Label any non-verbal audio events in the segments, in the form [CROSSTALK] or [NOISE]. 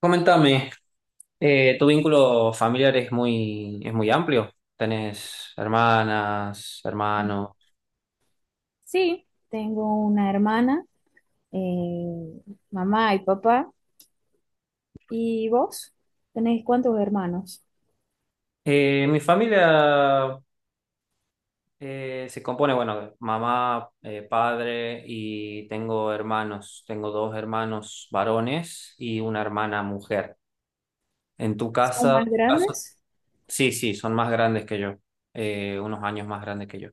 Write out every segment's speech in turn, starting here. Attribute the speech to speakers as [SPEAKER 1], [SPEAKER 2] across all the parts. [SPEAKER 1] Coméntame, ¿tu vínculo familiar es muy amplio? ¿Tenés hermanas, hermanos?
[SPEAKER 2] Sí, tengo una hermana, eh, mamá y papá. ¿Y vos? ¿Tenéis cuántos hermanos?
[SPEAKER 1] Mi familia, se compone, bueno, de mamá, padre y tengo hermanos. Tengo dos hermanos varones y una hermana mujer. En tu
[SPEAKER 2] ¿Son
[SPEAKER 1] casa,
[SPEAKER 2] más
[SPEAKER 1] tu caso-
[SPEAKER 2] grandes?
[SPEAKER 1] Sí, sí, son más grandes que yo, unos años más grandes que yo.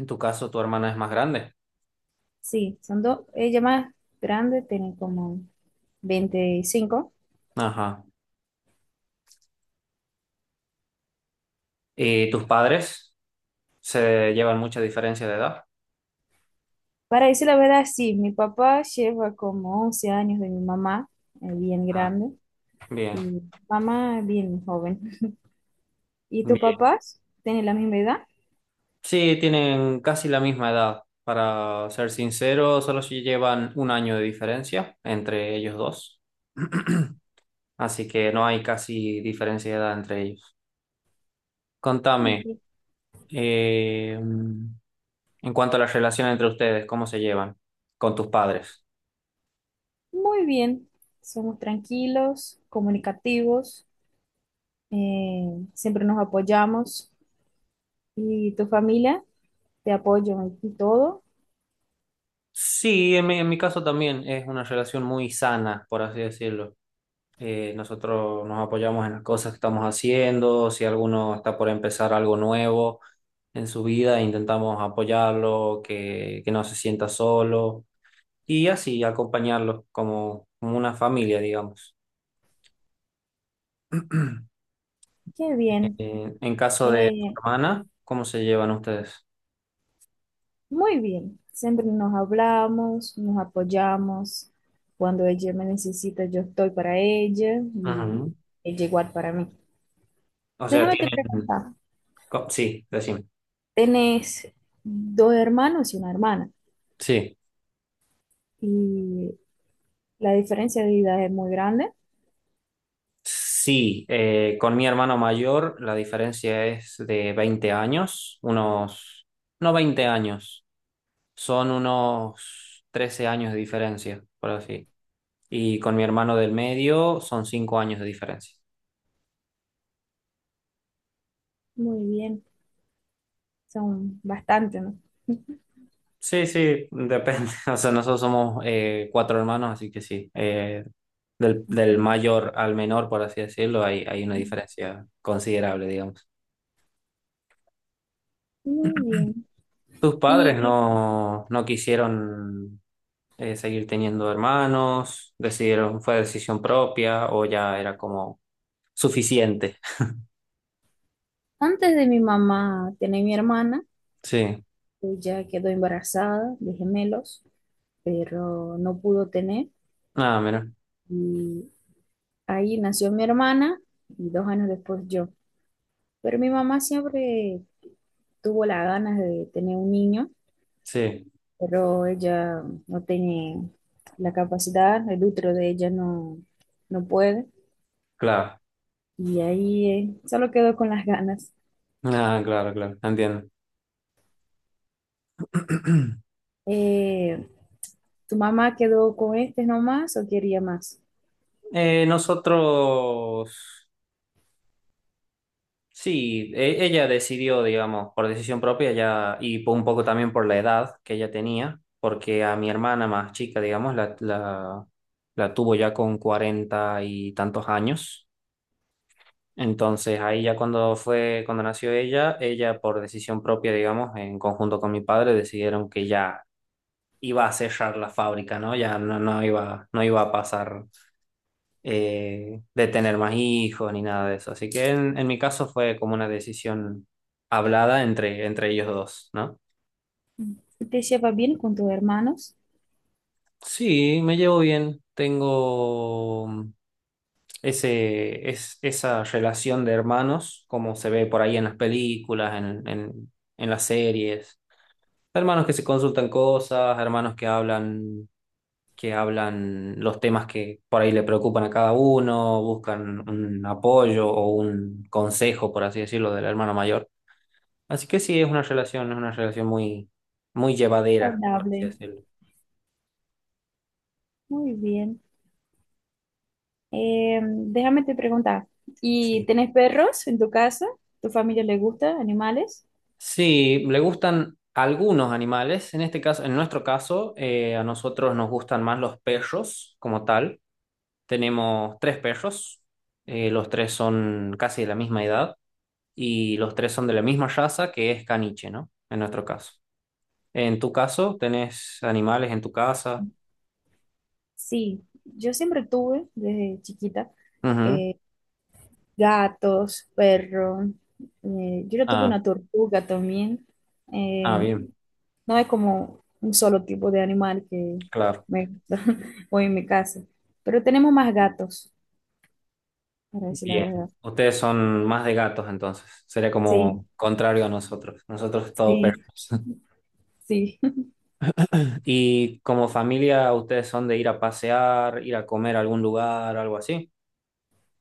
[SPEAKER 1] En tu caso, tu hermana es más grande.
[SPEAKER 2] Sí, son dos. Ella más grande tiene como 25.
[SPEAKER 1] Ajá. ¿Y tus padres se llevan mucha diferencia de edad?
[SPEAKER 2] Para decir la verdad, sí, mi papá lleva como 11 años de mi mamá, bien
[SPEAKER 1] Ah,
[SPEAKER 2] grande,
[SPEAKER 1] bien,
[SPEAKER 2] y mamá bien joven. ¿Y tus
[SPEAKER 1] bien.
[SPEAKER 2] papás tienen la misma edad?
[SPEAKER 1] Sí, tienen casi la misma edad. Para ser sincero, solo si llevan un año de diferencia entre ellos dos. [CLEARS THROAT] Así que no hay casi diferencia de edad entre ellos. Contame,
[SPEAKER 2] Bien.
[SPEAKER 1] en cuanto a la relación entre ustedes, ¿cómo se llevan con tus padres?
[SPEAKER 2] Muy bien, somos tranquilos, comunicativos. Siempre nos apoyamos y tu familia te apoya y todo.
[SPEAKER 1] Sí, en mi, caso también es una relación muy sana, por así decirlo. Nosotros nos apoyamos en las cosas que estamos haciendo. Si alguno está por empezar algo nuevo en su vida, intentamos apoyarlo, que no se sienta solo, y así acompañarlo como una familia, digamos.
[SPEAKER 2] Qué bien,
[SPEAKER 1] En caso de tu
[SPEAKER 2] eh,
[SPEAKER 1] hermana, ¿cómo se llevan ustedes?
[SPEAKER 2] muy bien. Siempre nos hablamos, nos apoyamos. Cuando ella me necesita, yo estoy para ella y
[SPEAKER 1] Ujú.
[SPEAKER 2] ella igual para mí.
[SPEAKER 1] O sea,
[SPEAKER 2] Déjame te
[SPEAKER 1] tienen.
[SPEAKER 2] preguntar,
[SPEAKER 1] Sí, decime.
[SPEAKER 2] ¿tenés dos hermanos y una hermana?
[SPEAKER 1] Sí.
[SPEAKER 2] Y la diferencia de edad es muy grande.
[SPEAKER 1] Sí, con mi hermano mayor la diferencia es de 20 años, unos, no 20 años, son unos 13 años de diferencia, por así. Y con mi hermano del medio son 5 años de diferencia.
[SPEAKER 2] Muy bien, son bastante, ¿no?
[SPEAKER 1] Sí, sí, depende. [LAUGHS] O sea, nosotros somos, cuatro hermanos, así que sí. Del mayor al menor, por así decirlo, hay, una diferencia considerable, digamos.
[SPEAKER 2] Muy bien.
[SPEAKER 1] ¿Tus padres
[SPEAKER 2] Y
[SPEAKER 1] no quisieron, seguir teniendo hermanos? ¿Decidieron, fue decisión propia o ya era como suficiente? [LAUGHS]
[SPEAKER 2] antes de mi mamá tenía mi hermana,
[SPEAKER 1] Sí.
[SPEAKER 2] ella quedó embarazada de gemelos, pero no pudo tener.
[SPEAKER 1] Ah, mira.
[SPEAKER 2] Y ahí nació mi hermana y dos años después yo. Pero mi mamá siempre tuvo las ganas de tener un niño,
[SPEAKER 1] Sí,
[SPEAKER 2] pero ella no tiene la capacidad, el útero de ella no puede.
[SPEAKER 1] claro.
[SPEAKER 2] Y ahí solo quedó con las ganas.
[SPEAKER 1] Ah, claro, claro. Entiendo. [CLEARS THROAT]
[SPEAKER 2] Eh, ¿Tu mamá quedó con este nomás o quería más?
[SPEAKER 1] Nosotros. Sí, ella decidió, digamos, por decisión propia ya, y por un poco también por la edad que ella tenía, porque a mi hermana más chica, digamos, la, tuvo ya con cuarenta y tantos años. Entonces ahí ya cuando fue, cuando nació ella, ella por decisión propia, digamos, en conjunto con mi padre, decidieron que ya iba a cerrar la fábrica, ¿no? Ya no, no iba a pasar, de tener más hijos ni nada de eso. Así que en, mi caso fue como una decisión hablada entre ellos dos, ¿no?
[SPEAKER 2] ¿Te llevas bien con tus hermanos?
[SPEAKER 1] Sí, me llevo bien. Tengo, esa relación de hermanos, como se ve por ahí en las películas, en, las series. Hermanos que se consultan cosas, hermanos que hablan los temas que por ahí le preocupan a cada uno, buscan un apoyo o un consejo, por así decirlo, del hermano mayor. Así que sí, es una relación muy, muy llevadera, por así
[SPEAKER 2] Saludable.
[SPEAKER 1] decirlo.
[SPEAKER 2] Muy bien. Déjame te preguntar, ¿y
[SPEAKER 1] Sí.
[SPEAKER 2] tenés perros en tu casa? ¿Tu familia le gusta animales?
[SPEAKER 1] Sí, le gustan algunos animales. En este caso, en nuestro caso, a nosotros nos gustan más los perros como tal. Tenemos tres perros. Los tres son casi de la misma edad y los tres son de la misma raza, que es caniche, ¿no? En nuestro caso. En tu caso, ¿tenés animales en tu casa?
[SPEAKER 2] Sí, yo siempre tuve desde chiquita
[SPEAKER 1] Ujú.
[SPEAKER 2] eh, gatos, perros. Yo tuve
[SPEAKER 1] Ah,
[SPEAKER 2] una tortuga también.
[SPEAKER 1] ah,
[SPEAKER 2] Eh,
[SPEAKER 1] bien,
[SPEAKER 2] no es como un solo tipo de animal que
[SPEAKER 1] claro,
[SPEAKER 2] me gusta [LAUGHS] o en mi casa, pero tenemos más gatos, para decir la
[SPEAKER 1] bien.
[SPEAKER 2] verdad.
[SPEAKER 1] Ustedes son más de gatos, entonces. Sería
[SPEAKER 2] Sí,
[SPEAKER 1] como contrario a nosotros. Nosotros todo perros.
[SPEAKER 2] sí,
[SPEAKER 1] [LAUGHS]
[SPEAKER 2] sí.
[SPEAKER 1] ¿Y como familia, ustedes son de ir a pasear, ir a comer a algún lugar, algo así?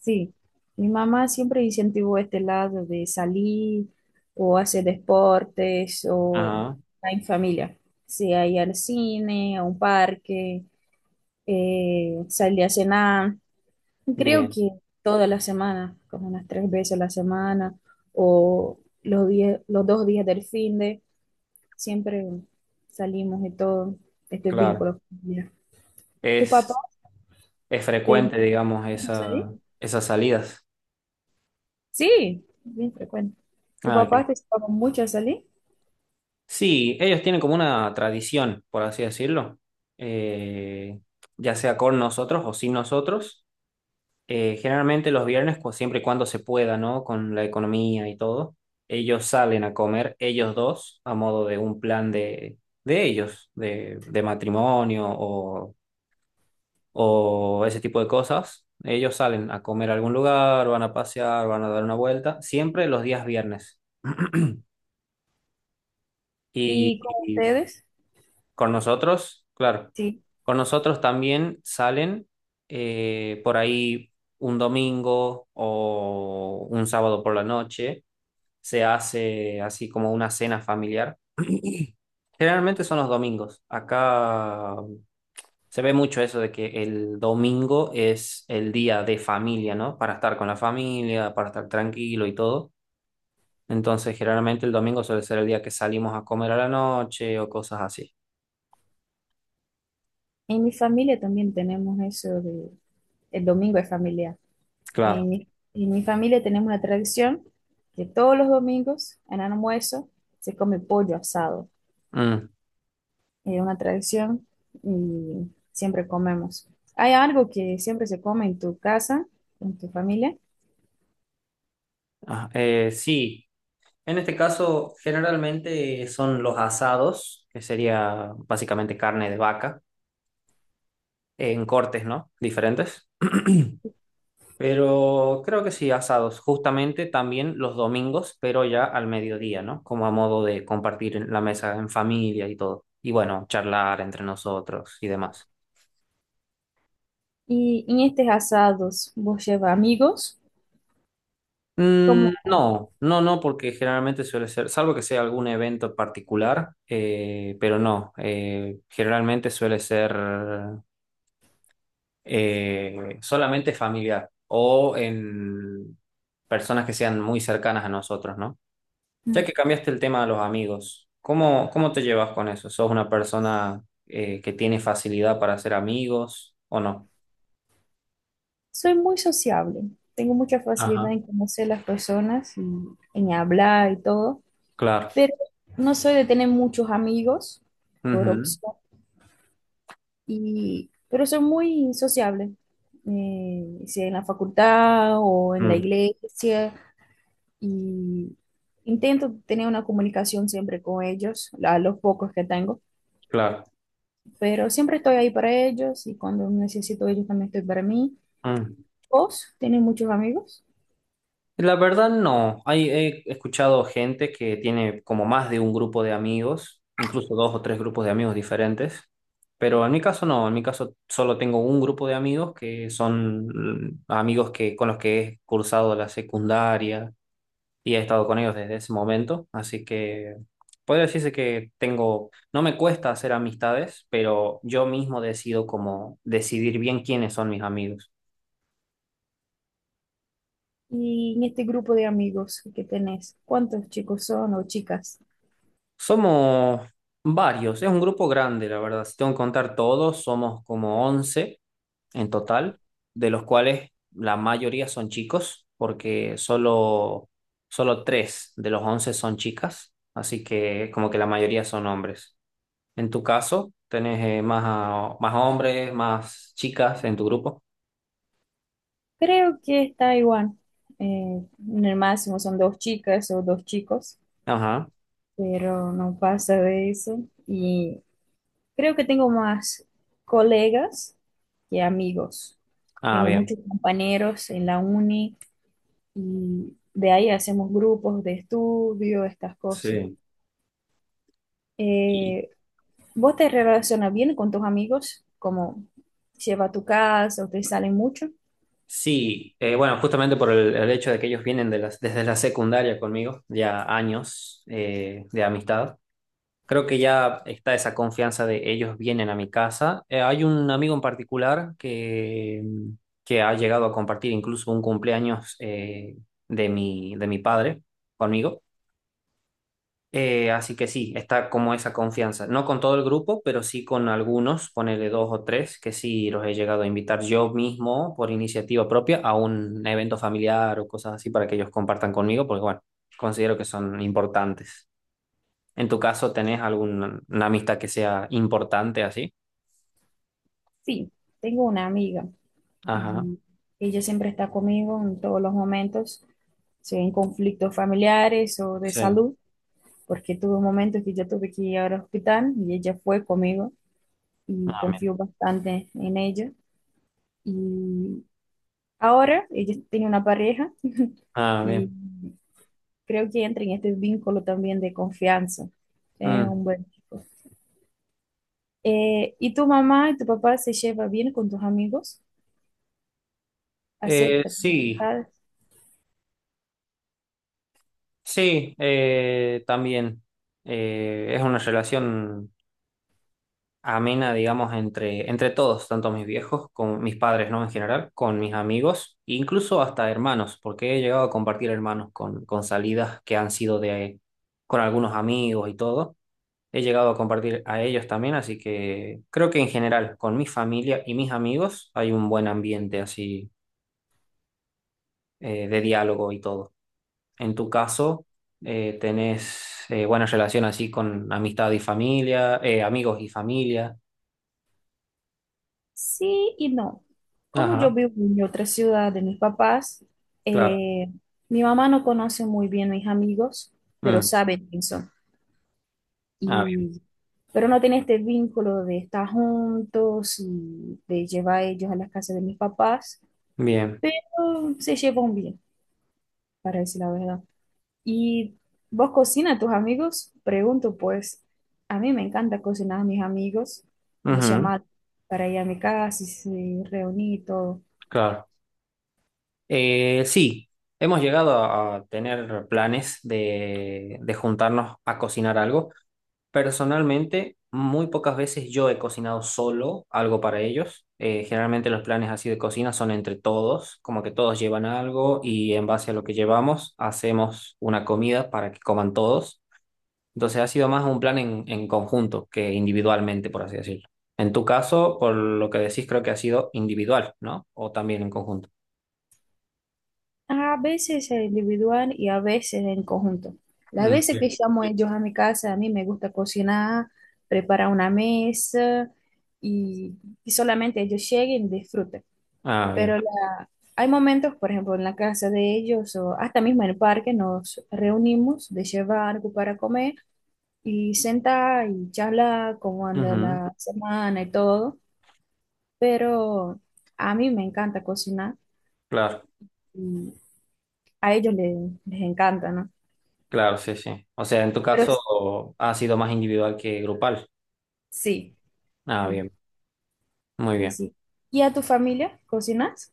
[SPEAKER 2] Sí, mi mamá siempre incentivó este lado de salir o hacer deportes o
[SPEAKER 1] Ajá,
[SPEAKER 2] estar en familia, sea ir al cine, a un parque, salir a cenar, creo
[SPEAKER 1] bien,
[SPEAKER 2] que toda la semana, como unas tres veces a la semana o los días, los dos días del fin de, siempre salimos de todo este
[SPEAKER 1] claro.
[SPEAKER 2] vínculo familiar. ¿Tu papá
[SPEAKER 1] Es, es
[SPEAKER 2] te
[SPEAKER 1] frecuente, digamos,
[SPEAKER 2] hizo
[SPEAKER 1] esa,
[SPEAKER 2] salir?
[SPEAKER 1] esas salidas.
[SPEAKER 2] Sí, bien frecuente. ¿Tu
[SPEAKER 1] Ah,
[SPEAKER 2] papá
[SPEAKER 1] qué
[SPEAKER 2] te llevaba mucho a salir?
[SPEAKER 1] sí, ellos tienen como una tradición, por así decirlo. eh, ya sea con nosotros o sin nosotros. Generalmente los viernes, siempre y cuando se pueda, ¿no? Con la economía y todo, ellos salen a comer, ellos dos, a modo de un plan de, ellos, de, matrimonio o ese tipo de cosas. Ellos salen a comer a algún lugar, van a pasear, van a dar una vuelta, siempre los días viernes. [CLEARS THROAT] Y,
[SPEAKER 2] ¿Y con ustedes?
[SPEAKER 1] Con nosotros, claro.
[SPEAKER 2] Sí.
[SPEAKER 1] Con nosotros también salen, por ahí un domingo o un sábado por la noche. Se hace así como una cena familiar. [CLEARS THROAT] Generalmente son los domingos. Acá se ve mucho eso de que el domingo es el día de familia, ¿no? Para estar con la familia, para estar tranquilo y todo. Entonces, generalmente el domingo suele ser el día que salimos a comer a la noche o cosas así.
[SPEAKER 2] En mi familia también tenemos eso de el domingo es familiar. En
[SPEAKER 1] Claro.
[SPEAKER 2] mi, en mi familia tenemos una tradición que todos los domingos, en almuerzo, se come pollo asado.
[SPEAKER 1] Mm.
[SPEAKER 2] Es una tradición y siempre comemos. Hay algo que siempre se come en tu casa, en tu familia,
[SPEAKER 1] Ah, sí, en este caso generalmente son los asados, que sería básicamente carne de vaca, en cortes, ¿no? Diferentes. Pero creo que sí, asados, justamente también los domingos, pero ya al mediodía, ¿no? Como a modo de compartir en la mesa en familia y todo. Y bueno, charlar entre nosotros y demás.
[SPEAKER 2] y en estos asados vos llevas amigos,
[SPEAKER 1] Mm,
[SPEAKER 2] como...
[SPEAKER 1] no, no, no, porque generalmente suele ser, salvo que sea algún evento particular, pero no, generalmente suele ser. Solamente familiar o en personas que sean muy cercanas a nosotros, ¿no? Ya que cambiaste el tema de los amigos, ¿cómo, te llevas con eso? ¿Sos una persona, que tiene facilidad para hacer amigos o no?
[SPEAKER 2] Soy muy sociable, tengo mucha facilidad
[SPEAKER 1] Ajá,
[SPEAKER 2] en conocer las personas y en hablar y todo,
[SPEAKER 1] claro.
[SPEAKER 2] pero no soy de tener muchos amigos por
[SPEAKER 1] Ujú.
[SPEAKER 2] opción, y, pero soy muy sociable, sea en la facultad o en la
[SPEAKER 1] Mm,
[SPEAKER 2] iglesia, y intento tener una comunicación siempre con ellos, a los pocos que tengo,
[SPEAKER 1] claro.
[SPEAKER 2] pero siempre estoy ahí para ellos y cuando necesito ellos también estoy para mí.
[SPEAKER 1] Mm.
[SPEAKER 2] ¿Vos tenés muchos amigos?
[SPEAKER 1] La verdad no. He escuchado gente que tiene como más de un grupo de amigos, incluso dos o tres grupos de amigos diferentes, pero en mi caso no. En mi caso solo tengo un grupo de amigos que son, amigos con los que he cursado la secundaria y he estado con ellos desde ese momento. Así que podría decirse que tengo, no me cuesta hacer amistades, pero yo mismo decido como decidir bien quiénes son mis amigos.
[SPEAKER 2] Y en este grupo de amigos que tenés, ¿cuántos chicos son o chicas?
[SPEAKER 1] Somos varios, es un grupo grande, la verdad. Si tengo que contar todos, somos como 11 en total, de los cuales la mayoría son chicos, porque solo 3 de los 11 son chicas, así que como que la mayoría son hombres. En tu caso, tenés, más, más hombres, más chicas en tu grupo.
[SPEAKER 2] Creo que está igual. Eh, en el máximo son dos chicas o dos chicos,
[SPEAKER 1] Ajá.
[SPEAKER 2] pero no pasa de eso. Y creo que tengo más colegas que amigos.
[SPEAKER 1] Ah,
[SPEAKER 2] Tengo
[SPEAKER 1] bien.
[SPEAKER 2] muchos compañeros en la uni y de ahí hacemos grupos de estudio, estas cosas.
[SPEAKER 1] Sí.
[SPEAKER 2] Eh, ¿Vos te relacionas bien con tus amigos? ¿Cómo lleva a tu casa o te salen mucho?
[SPEAKER 1] Sí, bueno, justamente por el, hecho de que ellos vienen de desde la secundaria conmigo, ya años, de amistad, creo que ya está esa confianza de ellos vienen a mi casa. Hay un amigo en particular que ha llegado a compartir incluso un cumpleaños, de mi padre conmigo. Así que sí, está como esa confianza. No con todo el grupo, pero sí con algunos, ponele dos o tres, que sí los he llegado a invitar yo mismo por iniciativa propia a un evento familiar o cosas así para que ellos compartan conmigo, porque bueno, considero que son importantes. En tu caso, ¿tenés alguna una amistad que sea importante así?
[SPEAKER 2] Sí, tengo una amiga
[SPEAKER 1] Ajá,
[SPEAKER 2] y ella siempre está conmigo en todos los momentos, sea en conflictos familiares o de
[SPEAKER 1] sí.
[SPEAKER 2] salud, porque tuve momentos que yo tuve que ir al hospital y ella fue conmigo y
[SPEAKER 1] Ah,
[SPEAKER 2] confío
[SPEAKER 1] bien.
[SPEAKER 2] bastante en ella. Y ahora ella tiene una pareja
[SPEAKER 1] Ah,
[SPEAKER 2] y
[SPEAKER 1] bien.
[SPEAKER 2] creo que entra en este vínculo también de confianza. Es
[SPEAKER 1] Mm.
[SPEAKER 2] un buen chico. ¿Y tu mamá y tu papá se lleva bien con tus amigos? ¿Acepta tus
[SPEAKER 1] Sí,
[SPEAKER 2] amistades?
[SPEAKER 1] sí, también. Es una relación amena, digamos, entre, todos, tanto mis viejos, con mis padres, ¿no? En general, con mis amigos, e incluso hasta hermanos, porque he llegado a compartir hermanos con salidas que han sido de, con algunos amigos y todo. He llegado a compartir a ellos también, así que creo que en general, con mi familia y mis amigos, hay un buen ambiente así, de diálogo y todo. En tu caso, tenés, buena relación así con amistad y familia, amigos y familia.
[SPEAKER 2] Sí y no. Como yo
[SPEAKER 1] Ajá,
[SPEAKER 2] vivo en otra ciudad de mis papás,
[SPEAKER 1] claro.
[SPEAKER 2] eh, mi mamá no conoce muy bien a mis amigos, pero
[SPEAKER 1] Mm.
[SPEAKER 2] sabe quién son.
[SPEAKER 1] Ah,
[SPEAKER 2] Y, pero no tiene este vínculo de estar juntos y de llevar a ellos a las casas de mis papás,
[SPEAKER 1] bien.
[SPEAKER 2] pero se llevan bien, para decir la verdad. ¿Y vos cocinas a tus amigos? Pregunto, pues a mí me encanta cocinar a mis amigos
[SPEAKER 1] Bien.
[SPEAKER 2] y
[SPEAKER 1] Ujú,
[SPEAKER 2] llamar para ir a mi casa y se- reunir y todo.
[SPEAKER 1] claro. Sí, hemos llegado a, tener planes de juntarnos a cocinar algo. Personalmente, muy pocas veces yo he cocinado solo algo para ellos. Generalmente los planes así de cocina son entre todos, como que todos llevan algo y en base a lo que llevamos hacemos una comida para que coman todos. Entonces ha sido más un plan en conjunto que individualmente, por así decirlo. En tu caso, por lo que decís, creo que ha sido individual, ¿no? O también en conjunto.
[SPEAKER 2] A veces es individual y a veces en conjunto. Las
[SPEAKER 1] Mm.
[SPEAKER 2] veces que
[SPEAKER 1] Bien.
[SPEAKER 2] llamo a ellos a mi casa, a mí me gusta cocinar, preparar una mesa y, y solamente ellos lleguen y disfruten.
[SPEAKER 1] Ah,
[SPEAKER 2] Pero
[SPEAKER 1] bien.
[SPEAKER 2] la- hay momentos, por ejemplo, en la casa de ellos o hasta mismo en el parque nos reunimos de llevar algo para comer y senta y charla cómo anda
[SPEAKER 1] Ujú.
[SPEAKER 2] la semana y todo, pero a mí me encanta cocinar
[SPEAKER 1] Claro,
[SPEAKER 2] y a ellos les encanta, ¿no?
[SPEAKER 1] claro, sí, sí. O sea, en tu
[SPEAKER 2] Pero
[SPEAKER 1] caso ha sido más individual que grupal.
[SPEAKER 2] sí,
[SPEAKER 1] Ah,
[SPEAKER 2] sí,
[SPEAKER 1] bien, muy
[SPEAKER 2] sí,
[SPEAKER 1] bien.
[SPEAKER 2] sí. ¿Y a tu familia cocinas?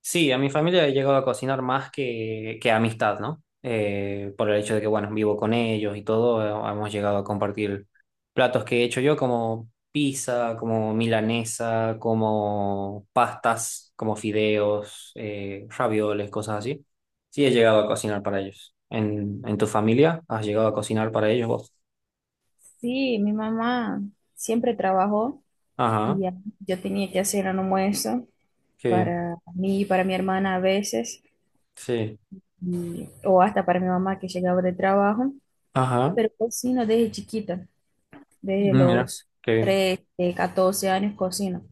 [SPEAKER 1] Sí, a mi familia he llegado a cocinar más que amistad, ¿no? Por el hecho de que, bueno, vivo con ellos y todo, hemos llegado a compartir platos que he hecho yo, como pizza, como milanesa, como pastas, como fideos, ravioles, cosas así. Sí, he llegado a cocinar para ellos. ¿En tu familia has llegado a cocinar para ellos vos?
[SPEAKER 2] Sí, mi mamá siempre trabajó
[SPEAKER 1] Ajá,
[SPEAKER 2] y yo tenía que hacer un almuerzo
[SPEAKER 1] qué bien.
[SPEAKER 2] para mí y para mi hermana a veces,
[SPEAKER 1] Sí.
[SPEAKER 2] o hasta para mi mamá que llegaba de trabajo,
[SPEAKER 1] Ajá,
[SPEAKER 2] pero cocino desde chiquita. Desde
[SPEAKER 1] mira,
[SPEAKER 2] los
[SPEAKER 1] qué bien.
[SPEAKER 2] 13, 14 años cocino.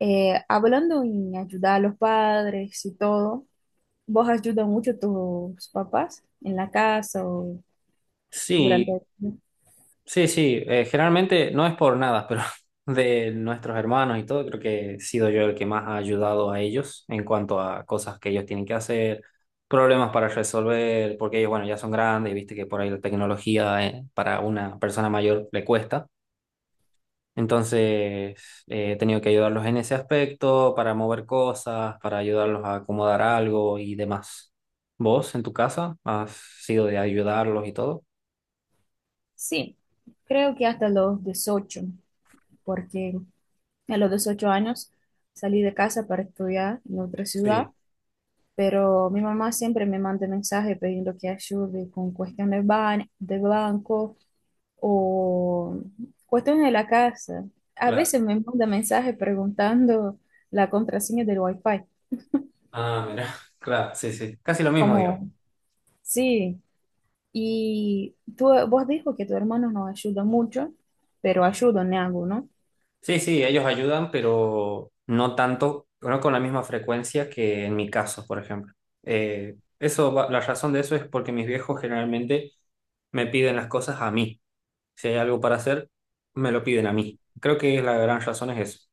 [SPEAKER 2] Hablando en ayudar a los padres y todo, ¿vos ayudas mucho a tus papás en la casa o durante
[SPEAKER 1] Sí.
[SPEAKER 2] el...
[SPEAKER 1] Sí, sí, generalmente no es por nada, pero [LAUGHS] de nuestros hermanos y todo, creo que he sido yo el que más ha ayudado a ellos en cuanto a cosas que ellos tienen que hacer, problemas para resolver, porque ellos, bueno, ya son grandes y viste que por ahí la tecnología, para una persona mayor le cuesta. Entonces, he tenido que ayudarlos en ese aspecto, para mover cosas, para ayudarlos a acomodar algo y demás. ¿Vos en tu casa has sido de ayudarlos y todo?
[SPEAKER 2] Sí, creo que hasta los 18, porque a los 18 años salí de casa para estudiar en otra ciudad,
[SPEAKER 1] Sí,
[SPEAKER 2] pero mi mamá siempre me manda mensajes pidiendo que ayude con cuestiones de banco o cuestiones de la casa. A
[SPEAKER 1] claro.
[SPEAKER 2] veces me manda mensajes preguntando la contraseña del Wi-Fi,
[SPEAKER 1] Ah, mira, [LAUGHS] claro, sí, sí, casi lo mismo, digamos.
[SPEAKER 2] como, sí, y tú, vos dijo que tu hermano no ayuda mucho, pero ayuda en algo, ¿no?
[SPEAKER 1] Sí, sí, ellos ayudan, pero no tanto, no con la misma frecuencia que en mi caso, por ejemplo. La razón de eso es porque mis viejos generalmente me piden las cosas a mí. Si hay algo para hacer, me lo piden a mí. Creo que la gran razón es eso.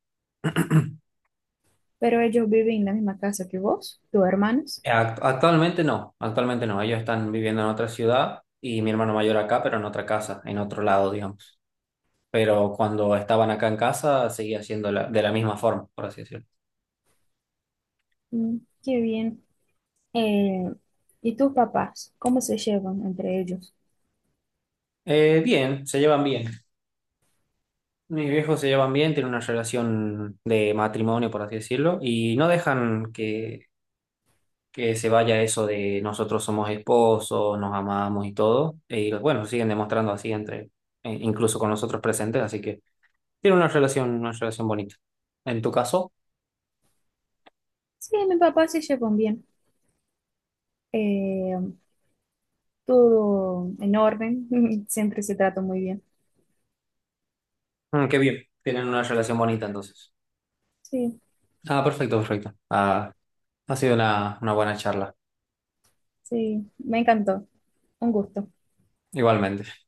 [SPEAKER 2] Pero ellos viven en la misma casa que vos, tus hermanos.
[SPEAKER 1] Actualmente no, actualmente no. Ellos están viviendo en otra ciudad y mi hermano mayor acá, pero en otra casa, en otro lado, digamos. Pero cuando estaban acá en casa, seguía siendo de la misma forma, por así decirlo.
[SPEAKER 2] Mm, qué bien. Eh, ¿Y tus papás? ¿Cómo se llevan entre ellos?
[SPEAKER 1] Bien, se llevan bien. Mis viejos se llevan bien, tienen una relación de matrimonio, por así decirlo, y no dejan que se vaya eso de nosotros somos esposos, nos amamos y todo. Y bueno, siguen demostrando así incluso con nosotros presentes, así que tienen una relación, bonita. En tu caso.
[SPEAKER 2] Sí, mis papás se llevan bien. Eh, Todo en orden, [LAUGHS] siempre se trata muy bien.
[SPEAKER 1] Mm, qué bien, tienen una relación bonita entonces.
[SPEAKER 2] Sí.
[SPEAKER 1] Ah, perfecto, perfecto. Ah, ha sido una buena charla.
[SPEAKER 2] Sí, me encantó. Un gusto.
[SPEAKER 1] Igualmente.